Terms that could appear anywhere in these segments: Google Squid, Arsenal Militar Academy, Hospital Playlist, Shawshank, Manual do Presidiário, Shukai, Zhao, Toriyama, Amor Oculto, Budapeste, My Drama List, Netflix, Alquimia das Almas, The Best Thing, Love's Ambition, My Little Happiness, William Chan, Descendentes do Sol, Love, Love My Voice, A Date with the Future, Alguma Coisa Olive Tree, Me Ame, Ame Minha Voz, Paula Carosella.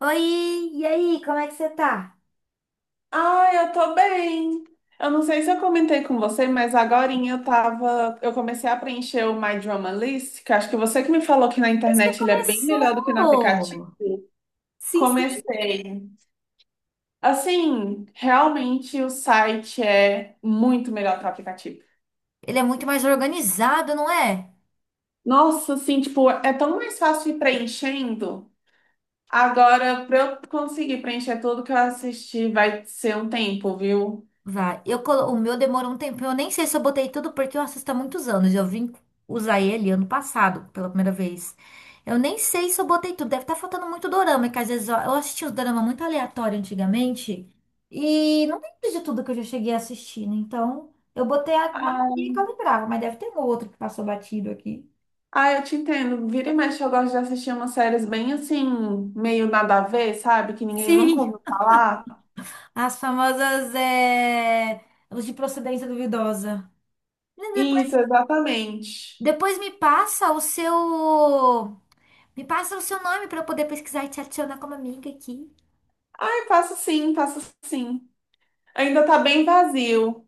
Oi, e aí, como é que você tá? Ai, eu tô bem. Eu não sei se eu comentei com você, mas agorinha eu comecei a preencher o My Drama List, que acho que você que me falou que na Você internet ele é bem melhor do que no aplicativo. começou! Sim, sim. Comecei. Assim, realmente o site é muito melhor que o aplicativo. Ele é muito mais organizado, não é? Nossa, assim, tipo, é tão mais fácil ir preenchendo. Agora, pra eu conseguir preencher tudo que eu assisti, vai ser um tempo, viu? Vai. O meu demorou um tempo. Eu nem sei se eu botei tudo porque eu assisto há muitos anos. Eu vim usar ele ano passado, pela primeira vez. Eu nem sei se eu botei tudo. Deve estar faltando muito dorama, que às vezes eu assistia os dorama muito aleatório antigamente. E não tem de tudo que eu já cheguei assistindo. Então, eu botei a maioria que eu lembrava, mas deve ter um ou outro que passou batido aqui. Ah, eu te entendo. Vira e mexe, eu gosto de assistir umas séries bem assim, meio nada a ver, sabe? Que ninguém nunca Sim. ouviu falar. As famosas, os de procedência duvidosa. Depois, Isso, exatamente. depois me passa o seu nome para eu poder pesquisar e te adicionar como amiga aqui. Ai, faço sim, faço sim. Ainda tá bem vazio.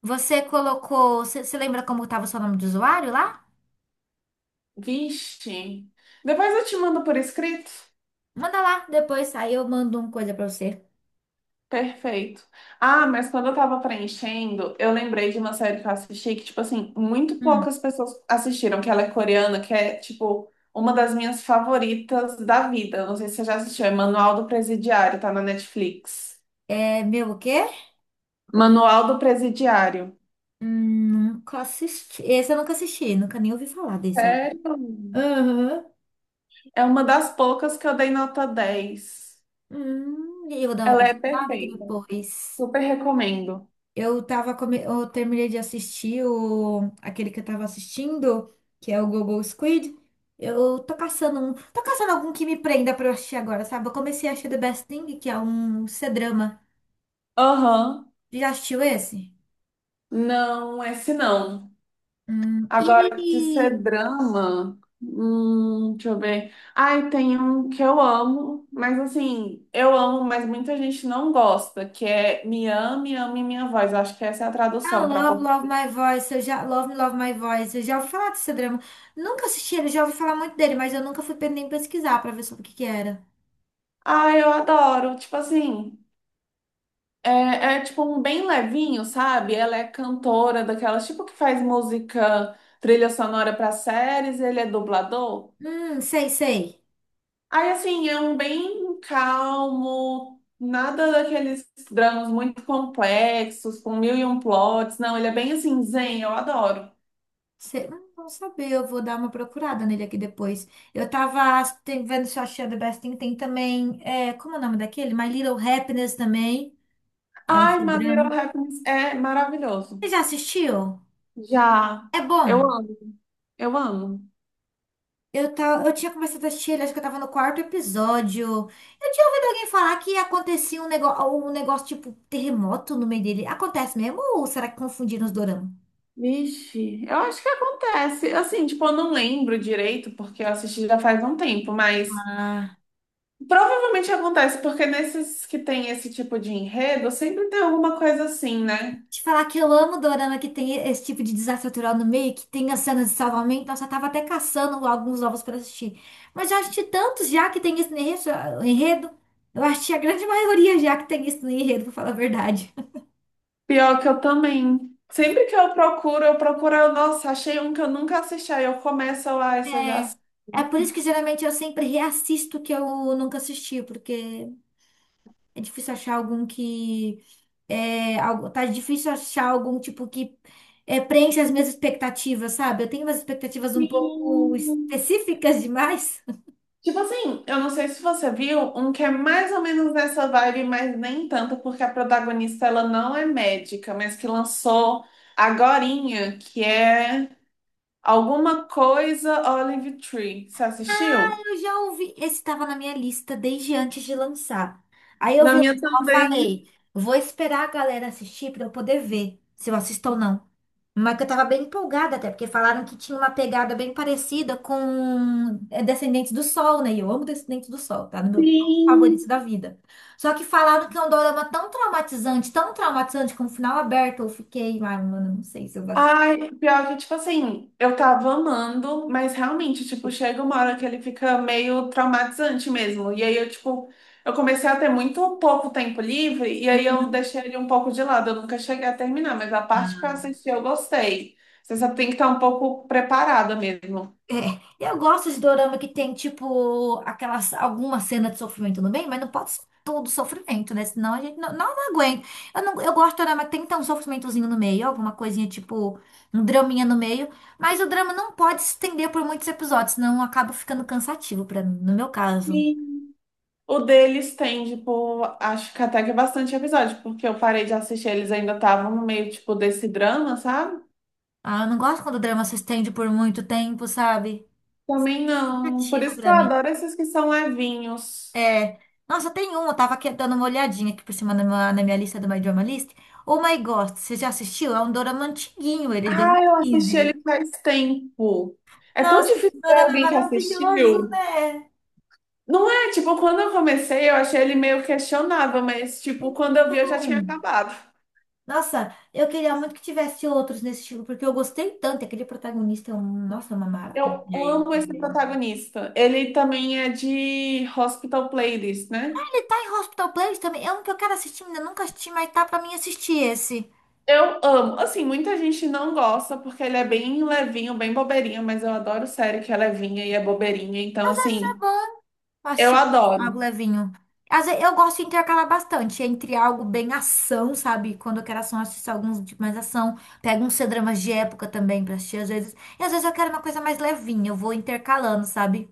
Você colocou, você você lembra como tava o seu nome de usuário lá? Vixe. Depois eu te mando por escrito. Manda lá, depois aí eu mando uma coisa para você. Perfeito. Ah, mas quando eu tava preenchendo, eu lembrei de uma série que eu assisti que, tipo assim, muito Hum. poucas pessoas assistiram, que ela é coreana, que é, tipo, uma das minhas favoritas da vida. Não sei se você já assistiu, é Manual do Presidiário, tá na Netflix. É meu o quê? Manual do Presidiário. Nunca assisti. Esse eu nunca assisti, nunca nem ouvi falar desse, ó. Sério? Aham. É uma das poucas que eu dei nota 10. E eu vou dar uma Ela é pesquisada aqui perfeita. depois. Super recomendo. Eu terminei de assistir aquele que eu tava assistindo, que é o Google Squid. Eu tô caçando um. Tô caçando algum que me prenda pra eu assistir agora, sabe? Eu comecei a assistir The Best Thing, que é um C-drama. Aham. Já assistiu esse? Não, esse não. Hum. Agora, de E ser drama, deixa eu ver. Ai, tem um que eu amo, mas assim, eu amo, mas muita gente não gosta, que é Me Ame, Ame Minha Voz. Eu acho que essa é a ah, tradução para Love, Love português. My Voice, eu já. Love, Love My Voice, eu já ouvi falar desse drama. Nunca assisti ele, já ouvi falar muito dele, mas eu nunca fui nem pesquisar pra ver sobre o que que era. Ai, eu adoro. Tipo assim, é tipo um bem levinho, sabe? Ela é cantora daquelas, tipo que faz música, trilha sonora para séries, ele é dublador. Sei, sei. Aí, assim, é um bem calmo, nada daqueles dramas muito complexos, com mil e um plots. Não, ele é bem assim, zen, eu adoro. Cê- hum, não saber, eu vou dar uma procurada nele aqui depois. Vendo Shawshank The Best Thing, tem também, como é o nome daquele? My Little Happiness também, é um Ai, My Little drama. Happiness é maravilhoso. Você já assistiu? Já, É eu bom. amo, eu amo. Eu, tá, eu tinha começado a assistir ele, acho que eu tava no quarto episódio. Eu tinha ouvido alguém falar que acontecia um negócio tipo terremoto no meio dele. Acontece mesmo ou será que confundiram os doramas? Vixe, eu acho que acontece. Assim, tipo, eu não lembro direito, porque eu assisti já faz um tempo, mas Ah, provavelmente acontece, porque nesses que tem esse tipo de enredo, sempre tem alguma coisa assim, né? te falar que eu amo dorama que tem esse tipo de desafio cultural no meio, que tem as cenas de salvamento. Nossa, eu tava até caçando alguns novos pra assistir. Mas já assisti tantos já que tem esse enredo. Eu assisti a grande maioria já que tem isso no enredo, pra falar a verdade. Pior que eu também. Sempre que eu procuro, nossa, achei um que eu nunca assisti, aí eu começo lá, isso eu já É, assisti. é, por isso que geralmente eu sempre reassisto o que eu nunca assisti, porque é difícil achar algum que. É, tá difícil achar algum tipo que preenche as minhas expectativas, sabe? Eu tenho umas expectativas um pouco Sim. específicas demais. Tipo assim, eu não sei se você viu um que é mais ou menos nessa vibe, mas nem tanto, porque a protagonista ela não é médica, mas que lançou agorinha, que é Alguma Coisa Olive Tree. Você assistiu? Eu já ouvi, esse estava na minha lista desde antes de lançar. Aí eu Na vi minha lançar, eu também. falei, vou esperar a galera assistir para eu poder ver se eu assisto ou não. Mas que eu tava bem empolgada até, porque falaram que tinha uma pegada bem parecida com Descendentes do Sol, né? E eu amo Descendentes do Sol, tá? No meu top favorito Sim. da vida. Só que falaram que é um dorama tão traumatizante, com o final aberto, eu fiquei, ai, mano, não sei se eu vou. Ai, pior que, tipo assim, eu tava amando, mas realmente, tipo, chega uma hora que ele fica meio traumatizante mesmo. E aí eu, tipo, eu comecei a ter muito pouco tempo livre, e aí eu deixei ele um pouco de lado. Eu nunca cheguei a terminar, mas a parte que eu assisti eu gostei. Você só tem que estar um pouco preparada mesmo. É, eu gosto de dorama que tem, tipo, aquelas, alguma cena de sofrimento no meio mas não pode ser todo sofrimento, né? Senão a gente não aguenta. Eu, não, eu gosto de dorama que tem então um sofrimentozinho no meio, alguma coisinha, tipo, um draminha no meio, mas o drama não pode se estender por muitos episódios, senão acaba ficando cansativo pra mim, no meu caso. Sim. O deles tem, tipo, acho que até que é bastante episódio, porque eu parei de assistir, eles ainda estavam no meio, tipo, desse drama, sabe? Ah, eu não gosto quando o drama se estende por muito tempo, sabe? Também não. Por Cansativo isso que pra eu mim. adoro esses que são levinhos. É. Nossa, tem um, eu tava aqui dando uma olhadinha aqui por cima na minha lista do My Drama List. Oh My God, você já assistiu? É um dorama antiguinho, ele é de dois mil Ah, e eu assisti quinze ele faz tempo. É tão Nossa, esse difícil ver dorama é alguém que maravilhoso, assistiu. né? Não é, tipo, quando eu comecei, eu achei ele meio questionável, mas, tipo, Então, quando eu vi, eu já tinha acabado. nossa, eu queria muito que tivesse outros nesse estilo, porque eu gostei tanto. Aquele protagonista é um, nossa, é uma Eu maravilha ele amo esse também. protagonista. Ele também é de Hospital Playlist, né? Ele tá em Hospital Playlist também, é um que eu quero assistir, ainda nunca assisti, mas tá pra mim assistir esse. Eu amo. Assim, muita gente não gosta porque ele é bem levinho, bem bobeirinho, mas eu adoro série que é levinha e é bobeirinha. Então, assim, Eu eu assisti algo adoro. levinho. Às vezes, eu gosto de intercalar bastante entre algo bem ação, sabe? Quando eu quero ação, eu assisto alguns de mais ação. Pego uns C-dramas de época também pra assistir às vezes. E às vezes eu quero uma coisa mais levinha, eu vou intercalando, sabe?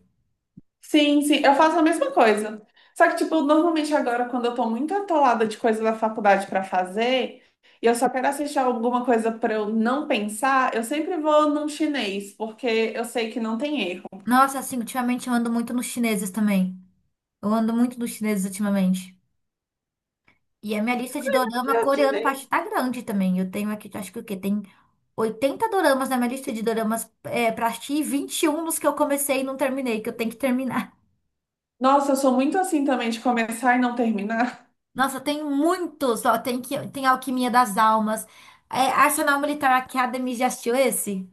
Sim, sim, eu faço a mesma coisa. Só que, tipo, normalmente agora, quando eu tô muito atolada de coisa da faculdade pra fazer, e eu só quero assistir alguma coisa pra eu não pensar, eu sempre vou num chinês, porque eu sei que não tem erro. Nossa, assim, ultimamente eu ando muito nos chineses também. Eu ando muito nos chineses ultimamente. E a minha lista de Que dorama é o coreano parte chinês. tá grande também. Eu tenho aqui, acho que o quê? Tem 80 doramas na minha lista de doramas pra assistir e 21 dos que eu comecei e não terminei, que eu tenho que terminar. Nossa, eu sou muito assim também de começar e não terminar. Nossa, tem muitos. Ó, tem Alquimia das Almas. É, Arsenal Militar Academy, já assistiu esse?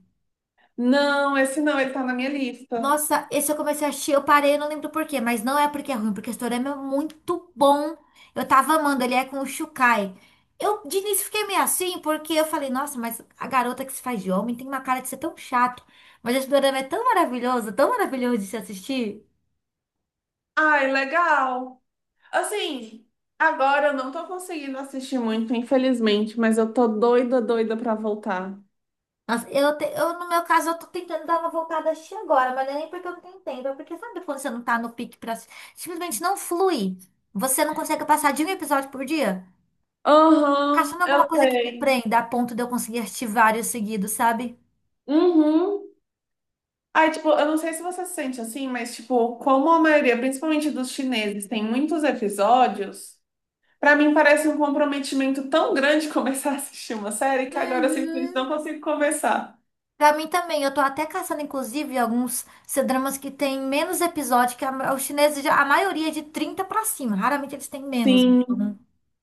Não, esse não, ele tá na minha lista. Nossa, esse eu comecei a assistir, eu parei, eu não lembro por quê, mas não é porque é ruim, porque o Toriyama é muito bom. Eu tava amando, ele é com o Shukai. Eu de início fiquei meio assim, porque eu falei, nossa, mas a garota que se faz de homem tem uma cara de ser tão chato. Mas esse dorama é tão maravilhoso de se assistir. Ai, legal. Assim, agora eu não tô conseguindo assistir muito, infelizmente, mas eu tô doida, doida pra voltar. Nossa, no meu caso, eu tô tentando dar uma voltada a assistir agora, mas não é nem porque eu não tenho tempo, é porque sabe quando você não tá no pique pra assistir? Simplesmente não flui. Você não consegue passar de um episódio por dia? Aham, Caçando alguma eu coisa que me sei. prenda a ponto de eu conseguir assistir vários seguidos, sabe? Uhum. Ai, tipo, eu não sei se você se sente assim, mas, tipo, como a maioria, principalmente dos chineses, tem muitos episódios, pra mim parece um comprometimento tão grande começar a assistir uma série que agora eu Uhum. simplesmente não consigo começar. Pra mim também, eu tô até caçando, inclusive, alguns C-dramas que tem menos episódio, que os chineses, a maioria é de 30 pra cima, raramente eles têm menos. Então, Sim,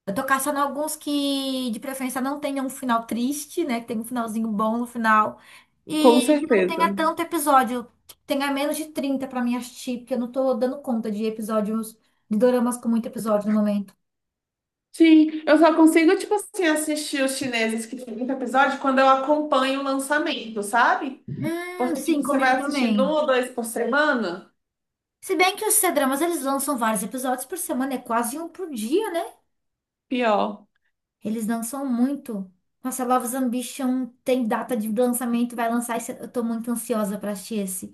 eu tô caçando alguns que, de preferência, não tenham um final triste, né, que tenha um finalzinho bom no final, e com que não tenha certeza. tanto episódio, que tenha menos de 30 pra mim assistir, porque eu não tô dando conta de episódios, de doramas com muito episódio no momento. Sim, eu só consigo, tipo assim, assistir os chineses que tem muito episódio quando eu acompanho o lançamento, sabe? Porque, Sim, tipo, você vai comigo assistindo um também. ou dois por semana. Se bem que os C-dramas, eles lançam vários episódios por semana, é quase um por dia, né? Pior. Eles lançam muito. Nossa, Love's Ambition tem data de lançamento, vai lançar esse. Eu tô muito ansiosa pra assistir esse.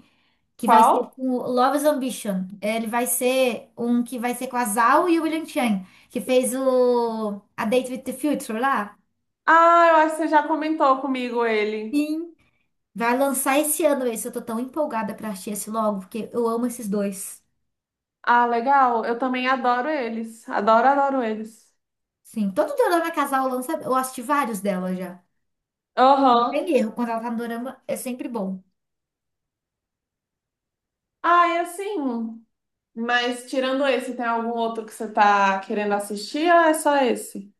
Que vai ser Qual? com o Love's Ambition. Ele vai ser um que vai ser com a Zhao e o William Chan, que fez o A Date with the Future lá. Ah, eu acho que você já comentou comigo ele. Sim. Vai lançar esse ano esse. Eu tô tão empolgada pra assistir esse logo, porque eu amo esses dois. Ah, legal. Eu também adoro eles. Adoro, adoro eles. Sim, todo dorama casal lança. Eu assisti vários dela já. Não Aham. tem erro. Quando ela tá no dorama, é sempre bom. Ah, e assim. Mas tirando esse, tem algum outro que você tá querendo assistir ou é só esse?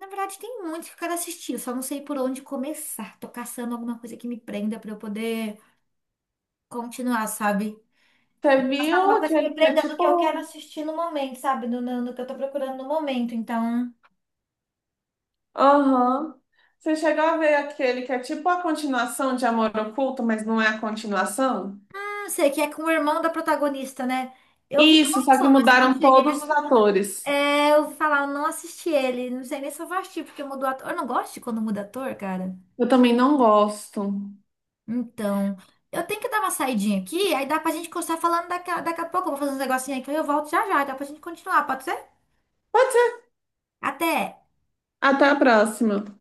Na verdade, tem muitos que eu quero assistir, eu só não sei por onde começar. Tô caçando alguma coisa que me prenda pra eu poder continuar, sabe? Você viu Alguma coisa que me aquele que é prenda no que eu quero tipo. assistir no momento, sabe? No que eu tô procurando no momento. Então. Aham. Você chegou a ver aquele que é tipo a continuação de Amor Oculto, mas não é a continuação? Ah, não sei, que é com o irmão da protagonista, né? Eu vi que Isso, só que lançou, mas eu não mudaram cheguei todos os a... atores. É, eu ouvi falar, eu não assisti ele. Não sei nem se eu vou assistir, porque mudou ator. Eu não gosto de quando muda ator, cara. Eu também não gosto. Então, eu tenho que dar uma saidinha aqui, aí dá pra gente continuar falando daqui, daqui a pouco. Eu vou fazer uns negocinhos aqui, aí eu volto já já, dá pra gente continuar, pode ser? Pode ser. Até! Até a próxima.